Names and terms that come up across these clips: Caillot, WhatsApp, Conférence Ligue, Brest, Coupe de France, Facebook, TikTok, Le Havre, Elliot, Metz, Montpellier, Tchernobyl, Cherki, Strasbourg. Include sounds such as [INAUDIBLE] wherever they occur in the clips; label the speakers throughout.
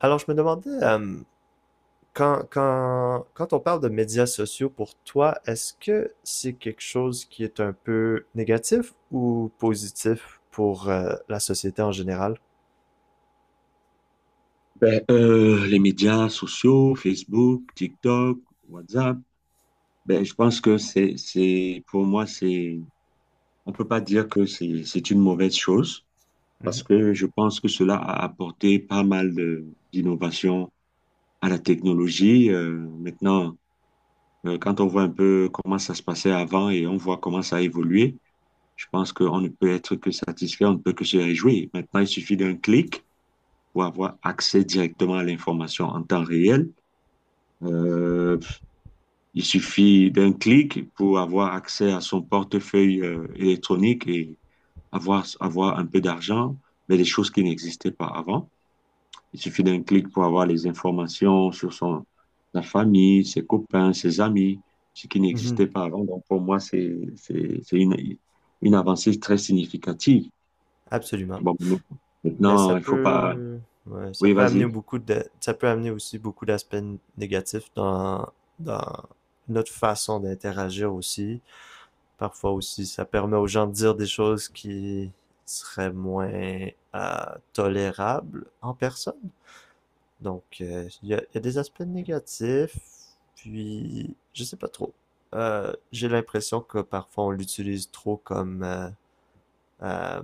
Speaker 1: Alors, je me demandais, quand on parle de médias sociaux pour toi, est-ce que c'est quelque chose qui est un peu négatif ou positif pour la société en général?
Speaker 2: Ben, les médias sociaux, Facebook, TikTok, WhatsApp, ben, je pense que pour moi, on peut pas dire que c'est une mauvaise chose parce
Speaker 1: Mhm.
Speaker 2: que je pense que cela a apporté pas mal d'innovations à la technologie. Maintenant, quand on voit un peu comment ça se passait avant et on voit comment ça a évolué, je pense qu'on ne peut être que satisfait, on ne peut que se réjouir. Maintenant, il suffit d'un clic pour avoir accès directement à l'information en temps réel. Euh, Il suffit d'un clic pour avoir accès à son portefeuille électronique et avoir un peu d'argent, mais des choses qui n'existaient pas avant. Il suffit d'un clic pour avoir les informations sur la famille, ses copains, ses amis, ce qui
Speaker 1: Mhm,
Speaker 2: n'existait pas avant. Donc, pour moi, c'est une avancée très significative.
Speaker 1: absolument.
Speaker 2: Bon,
Speaker 1: Mais ça
Speaker 2: maintenant, il faut pas.
Speaker 1: peut, ouais, ça
Speaker 2: Oui,
Speaker 1: peut amener
Speaker 2: vas-y.
Speaker 1: beaucoup de, ça peut amener aussi beaucoup d'aspects négatifs dans notre façon d'interagir aussi, parfois aussi. Ça permet aux gens de dire des choses qui seraient moins tolérables en personne. Donc, il y a des aspects négatifs, puis je sais pas trop. J'ai l'impression que parfois on l'utilise trop comme, euh,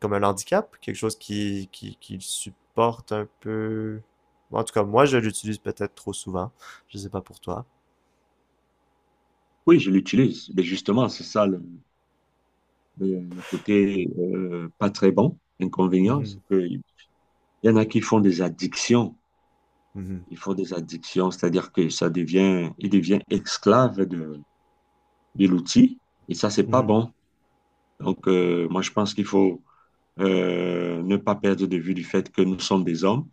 Speaker 1: comme un handicap, quelque chose qui supporte un peu. En tout cas, moi, je l'utilise peut-être trop souvent. Je sais pas pour toi.
Speaker 2: Oui, je l'utilise. Mais justement, c'est ça le côté pas très bon, inconvénient, c'est
Speaker 1: Mhm,
Speaker 2: que Il y en a qui font des addictions.
Speaker 1: mhm,
Speaker 2: Ils font des addictions, c'est-à-dire que il devient esclave de l'outil. Et ça, c'est pas
Speaker 1: mhm.
Speaker 2: bon. Donc, moi, je pense qu'il faut ne pas perdre de vue du fait que nous sommes des hommes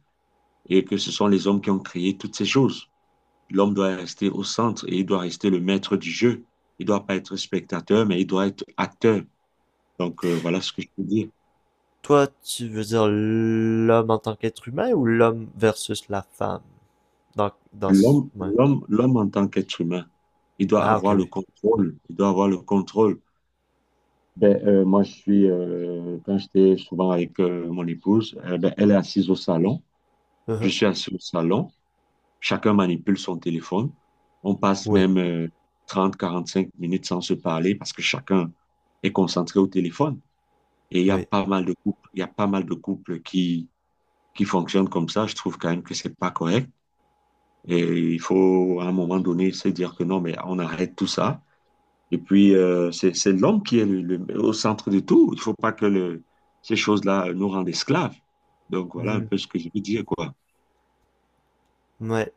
Speaker 2: et que ce sont les hommes qui ont créé toutes ces choses. L'homme doit rester au centre et il doit rester le maître du jeu. Il ne doit pas être spectateur, mais il doit être acteur. Donc, voilà ce que je peux dire.
Speaker 1: Toi, tu veux dire l'homme en tant qu'être humain ou l'homme versus la femme?
Speaker 2: L'homme,
Speaker 1: Ouais.
Speaker 2: l'homme, l'homme en tant qu'être humain, il doit
Speaker 1: Ah, ok,
Speaker 2: avoir le
Speaker 1: oui.
Speaker 2: contrôle. Il doit avoir le contrôle. Ben, moi, quand j'étais souvent avec mon épouse, ben, elle est assise au salon, je
Speaker 1: Uh-huh,
Speaker 2: suis assis au salon, chacun manipule son téléphone. On passe
Speaker 1: oui,
Speaker 2: même 30, 45 minutes sans se parler parce que chacun est concentré au téléphone. Et
Speaker 1: oui.
Speaker 2: il y a pas mal de couples qui fonctionnent comme ça. Je trouve quand même que c'est pas correct. Et il faut, à un moment donné, se dire que non, mais on arrête tout ça. Et puis, c'est l'homme qui est au centre de tout. Il ne faut pas que ces choses-là nous rendent esclaves. Donc, voilà un
Speaker 1: Mhm.
Speaker 2: peu ce que je veux dire, quoi.
Speaker 1: Ouais,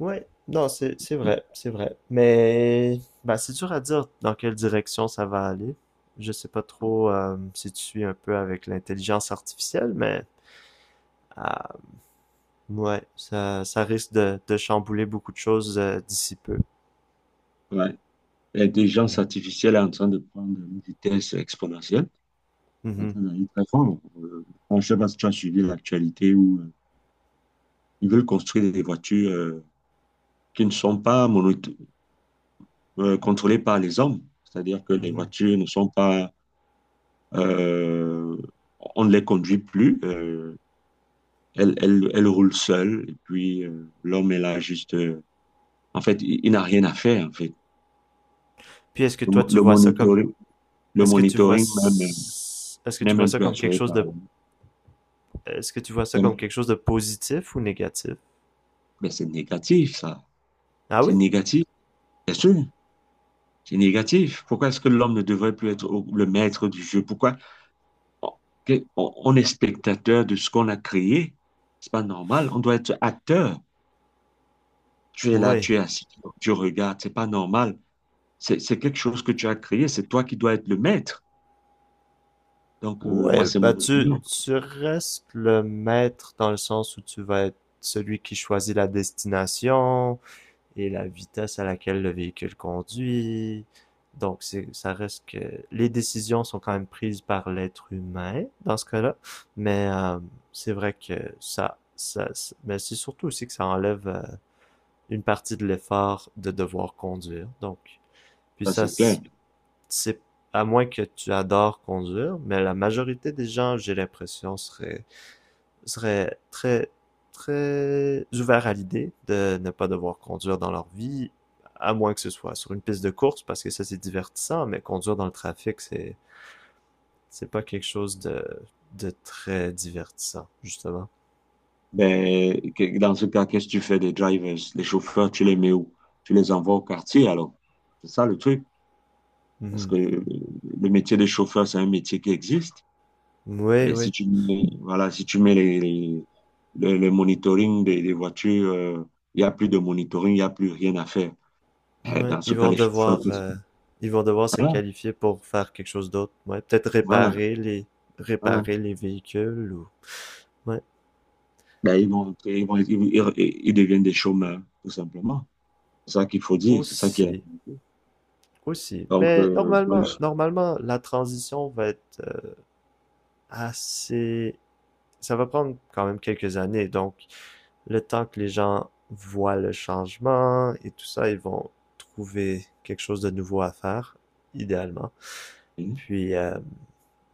Speaker 1: ouais. Non, c'est vrai, c'est vrai. Mais, bah, c'est dur à dire dans quelle direction ça va aller. Je sais pas trop si tu suis un peu avec l'intelligence artificielle, mais, ah, ouais, ça risque de chambouler beaucoup de choses d'ici peu.
Speaker 2: Ouais. L'intelligence
Speaker 1: Mm.
Speaker 2: artificielle est en train de prendre une vitesse exponentielle, en
Speaker 1: Mhm.
Speaker 2: train d'aller très fort. Je ne sais pas si tu as suivi l'actualité où ils veulent construire des voitures qui ne sont pas contrôlées par les hommes. C'est-à-dire que les
Speaker 1: Mhm.
Speaker 2: voitures ne sont pas... euh, on ne les conduit plus. Elle roule seule, et puis l'homme est là juste. En fait, il n'a rien à faire, en fait.
Speaker 1: Puis est-ce que
Speaker 2: Le,
Speaker 1: toi,
Speaker 2: mo-
Speaker 1: tu
Speaker 2: le
Speaker 1: vois ça comme.
Speaker 2: monitoring, le
Speaker 1: Est-ce que tu vois,
Speaker 2: monitoring même,
Speaker 1: est-ce que
Speaker 2: n'est
Speaker 1: tu vois
Speaker 2: même
Speaker 1: ça
Speaker 2: plus
Speaker 1: comme quelque
Speaker 2: assuré
Speaker 1: chose
Speaker 2: par
Speaker 1: de,
Speaker 2: l'homme.
Speaker 1: est-ce que tu vois ça comme quelque chose de positif ou négatif?
Speaker 2: Mais c'est négatif, ça.
Speaker 1: Ah
Speaker 2: C'est
Speaker 1: oui?
Speaker 2: négatif, bien sûr. C'est négatif. Pourquoi est-ce que l'homme ne devrait plus être le maître du jeu? Pourquoi on, on est spectateur de ce qu'on a créé? C'est pas normal. On doit être acteur. Tu es là,
Speaker 1: Ouais.
Speaker 2: tu es assis, tu regardes. C'est pas normal. C'est quelque chose que tu as créé. C'est toi qui dois être le maître. Donc,
Speaker 1: Ouais,
Speaker 2: moi, c'est
Speaker 1: bah
Speaker 2: mon
Speaker 1: tu
Speaker 2: opinion.
Speaker 1: restes le maître dans le sens où tu vas être celui qui choisit la destination et la vitesse à laquelle le véhicule conduit. Donc c'est, ça reste que les décisions sont quand même prises par l'être humain dans ce cas-là, mais c'est vrai que ça ça, ça- mais c'est surtout aussi que ça enlève une partie de l'effort de devoir conduire. Donc, puis
Speaker 2: Ça,
Speaker 1: ça,
Speaker 2: c'est clair.
Speaker 1: c'est à moins que tu adores conduire, mais la majorité des gens, j'ai l'impression, seraient, seraient très, très ouverts à l'idée de ne pas devoir conduire dans leur vie, à moins que ce soit sur une piste de course, parce que ça, c'est divertissant, mais conduire dans le trafic, c'est pas quelque chose de très divertissant, justement. Mm.
Speaker 2: Ben, dans ce cas, qu'est-ce que tu fais des drivers, les chauffeurs, tu les mets où? Tu les envoies au quartier, alors. C'est ça le truc. Parce
Speaker 1: Mhm.
Speaker 2: que le métier de chauffeur, c'est un métier qui existe.
Speaker 1: Oui,
Speaker 2: Mais si
Speaker 1: oui.
Speaker 2: tu mets, voilà, si tu mets le monitoring des voitures, il n'y a plus de monitoring, il n'y a plus rien à faire. Eh,
Speaker 1: Ouais,
Speaker 2: Dans ce cas, les chauffeurs,
Speaker 1: ils vont devoir se
Speaker 2: voilà,
Speaker 1: qualifier pour faire quelque chose d'autre. Ouais, peut-être
Speaker 2: voilà, voilà.
Speaker 1: réparer les véhicules ou, ouais,
Speaker 2: Ben, ils vont, ils vont- ils- ils- ils deviennent des chômeurs, tout simplement. C'est ça qu'il faut dire, c'est ça qui est
Speaker 1: aussi, aussi.
Speaker 2: Donc,
Speaker 1: Mais normalement, normalement, la transition va être assez, ça va prendre quand même quelques années. Donc, le temps que les gens voient le changement et tout ça, ils vont trouver quelque chose de nouveau à faire, idéalement. Puis,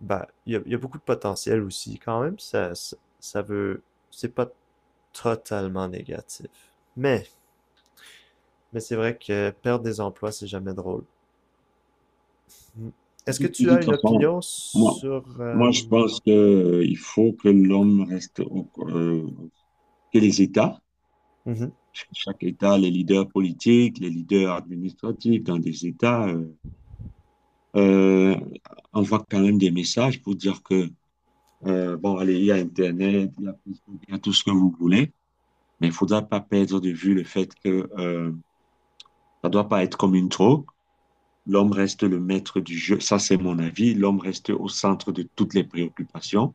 Speaker 1: bah, il y a beaucoup de potentiel aussi, quand même. Ça veut. C'est pas totalement négatif. Mais, mais c'est vrai que perdre des emplois, c'est jamais drôle. Mm. Est-ce
Speaker 2: de,
Speaker 1: que tu
Speaker 2: de
Speaker 1: as
Speaker 2: toute
Speaker 1: une
Speaker 2: façon,
Speaker 1: opinion
Speaker 2: moi,
Speaker 1: sur.
Speaker 2: moi, je pense que, il faut que l'homme reste que les États,
Speaker 1: Mhm,
Speaker 2: chaque État, les leaders politiques, les leaders administratifs dans des États, euh, envoient quand même des messages pour dire que, bon, allez, il y a Internet, il y a Facebook, il y a tout ce que vous voulez, mais il ne faudra pas perdre de vue le fait que, ça ne doit pas être comme une drogue. L'homme reste le maître du jeu, ça c'est mon avis. L'homme reste au centre de toutes les préoccupations.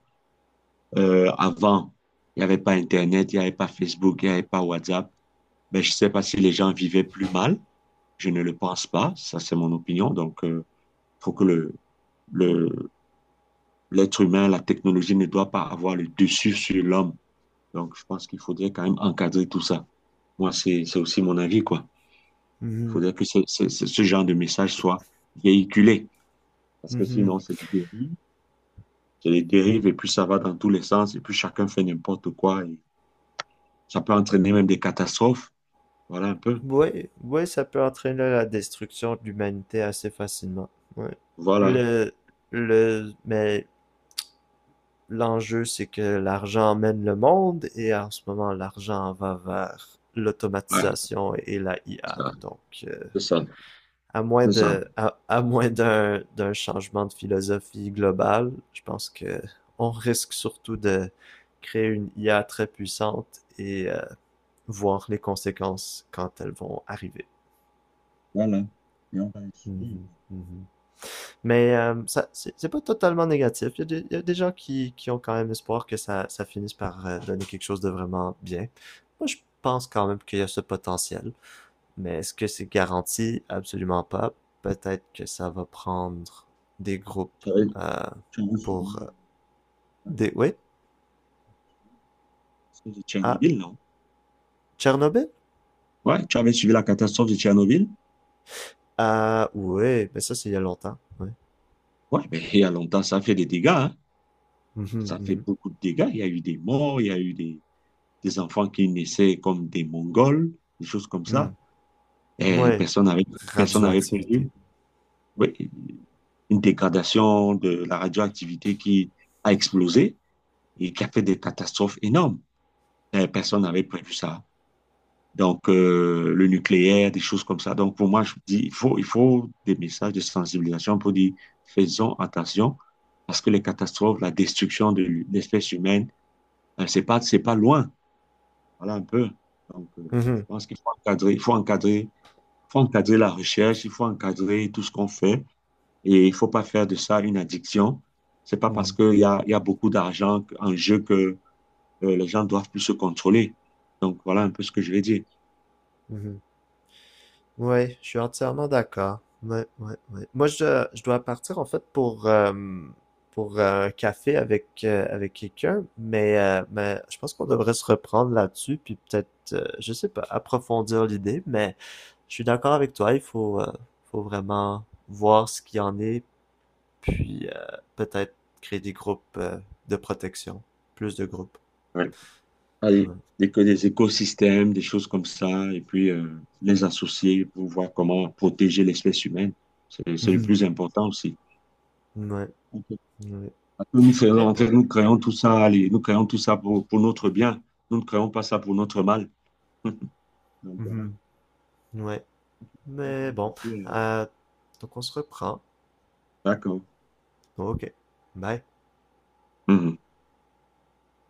Speaker 2: Avant, il n'y avait pas Internet, il n'y avait pas Facebook, il n'y avait pas WhatsApp. Ben, je ne sais pas si les gens vivaient plus mal. Je ne le pense pas. Ça, c'est mon opinion. Donc, il faut que le, l'être humain, la technologie ne doit pas avoir le dessus sur l'homme. Donc, je pense qu'il faudrait quand même encadrer tout ça. Moi, c'est aussi mon avis, quoi. Il
Speaker 1: mhm,
Speaker 2: faudrait que ce genre de message soit véhiculé. Parce que
Speaker 1: mhm,
Speaker 2: sinon, c'est du dérive. C'est des dérives
Speaker 1: mm.
Speaker 2: et puis ça va dans tous les sens et puis chacun fait n'importe quoi et ça peut entraîner même des catastrophes. Voilà un peu.
Speaker 1: Oui, oui, ça peut entraîner la destruction de l'humanité assez facilement. Ouais.
Speaker 2: Voilà.
Speaker 1: Le, mais l'enjeu, c'est que l'argent mène le monde et en ce moment, l'argent va vers
Speaker 2: Ouais,
Speaker 1: l'automatisation et la
Speaker 2: c'est
Speaker 1: IA.
Speaker 2: ça.
Speaker 1: Donc,
Speaker 2: C'est ça.
Speaker 1: à moins
Speaker 2: C'est ça.
Speaker 1: de, à moins d'un, d'un changement de philosophie globale, je pense que on risque surtout de créer une IA très puissante et voir les conséquences quand elles vont arriver.
Speaker 2: Voilà. Et on va suivre.
Speaker 1: Mhm, mhm. Mais ça, c'est pas totalement négatif. Il y a des, il y a des gens qui ont quand même espoir que ça finisse par donner quelque chose de vraiment bien. Moi, je pense quand même qu'il y a ce potentiel. Mais est-ce que c'est garanti? Absolument pas. Peut-être que ça va prendre des groupes
Speaker 2: Tu avais,
Speaker 1: euh,
Speaker 2: Tu avais
Speaker 1: pour...
Speaker 2: suivi la
Speaker 1: des... Oui?
Speaker 2: catastrophe de
Speaker 1: Ah,
Speaker 2: Tchernobyl, non?
Speaker 1: Tchernobyl?
Speaker 2: Ouais, tu avais suivi la catastrophe de Tchernobyl?
Speaker 1: Ah, oui, mais ça, c'est il y a longtemps. Oui.
Speaker 2: Ouais, mais il y a longtemps, ça a fait des dégâts, hein.
Speaker 1: Mhm,
Speaker 2: Ça fait
Speaker 1: mhm.
Speaker 2: beaucoup de dégâts. Il y a eu des morts, il y a eu des enfants qui naissaient comme des Mongols, des choses comme
Speaker 1: Hmm.
Speaker 2: ça. Et
Speaker 1: Ouais.
Speaker 2: personne n'avait prévu.
Speaker 1: Radioactivité.
Speaker 2: Oui, une dégradation de la radioactivité qui a explosé et qui a fait des catastrophes énormes. Personne n'avait prévu ça. Donc, le nucléaire, des choses comme ça. Donc, pour moi, je dis, il faut des messages de sensibilisation pour dire, faisons attention, parce que les catastrophes, la destruction de l'espèce humaine, c'est pas loin. Voilà un peu. Donc, je
Speaker 1: Mhm,
Speaker 2: pense qu'il faut encadrer, il faut encadrer, il faut encadrer la recherche, il faut encadrer tout ce qu'on fait. Et il faut pas faire de ça une addiction. C'est pas parce
Speaker 1: mhm,
Speaker 2: qu'il y a beaucoup d'argent en jeu que les gens doivent plus se contrôler. Donc voilà un peu ce que je vais dire.
Speaker 1: mhm. Ouais, je suis entièrement d'accord. Ouais, ouais, ouais. Moi, je dois partir en fait pour un café avec, avec quelqu'un, mais je pense qu'on devrait se reprendre là-dessus, puis peut-être, je sais pas, approfondir l'idée, mais je suis d'accord avec toi, il faut, faut vraiment voir ce qu'il y en est, puis peut-être créer des groupes de protection, plus de groupes.
Speaker 2: Ouais. Allez,
Speaker 1: Ouais.
Speaker 2: que des écosystèmes, des choses comme ça, et puis les associer pour voir comment protéger l'espèce humaine. C'est le
Speaker 1: Mhm.
Speaker 2: plus important aussi.
Speaker 1: Ouais,
Speaker 2: Ok.
Speaker 1: ouais.
Speaker 2: Parce que nous
Speaker 1: Mais
Speaker 2: faisons, en fait,
Speaker 1: bon.
Speaker 2: nous créons tout ça, allez, nous créons tout ça pour notre bien. Nous ne créons pas ça pour notre mal. [LAUGHS] Donc voilà.
Speaker 1: Mhm. Ouais. Mais bon, euh, donc on se reprend.
Speaker 2: D'accord.
Speaker 1: Ok, bye.
Speaker 2: Mhm.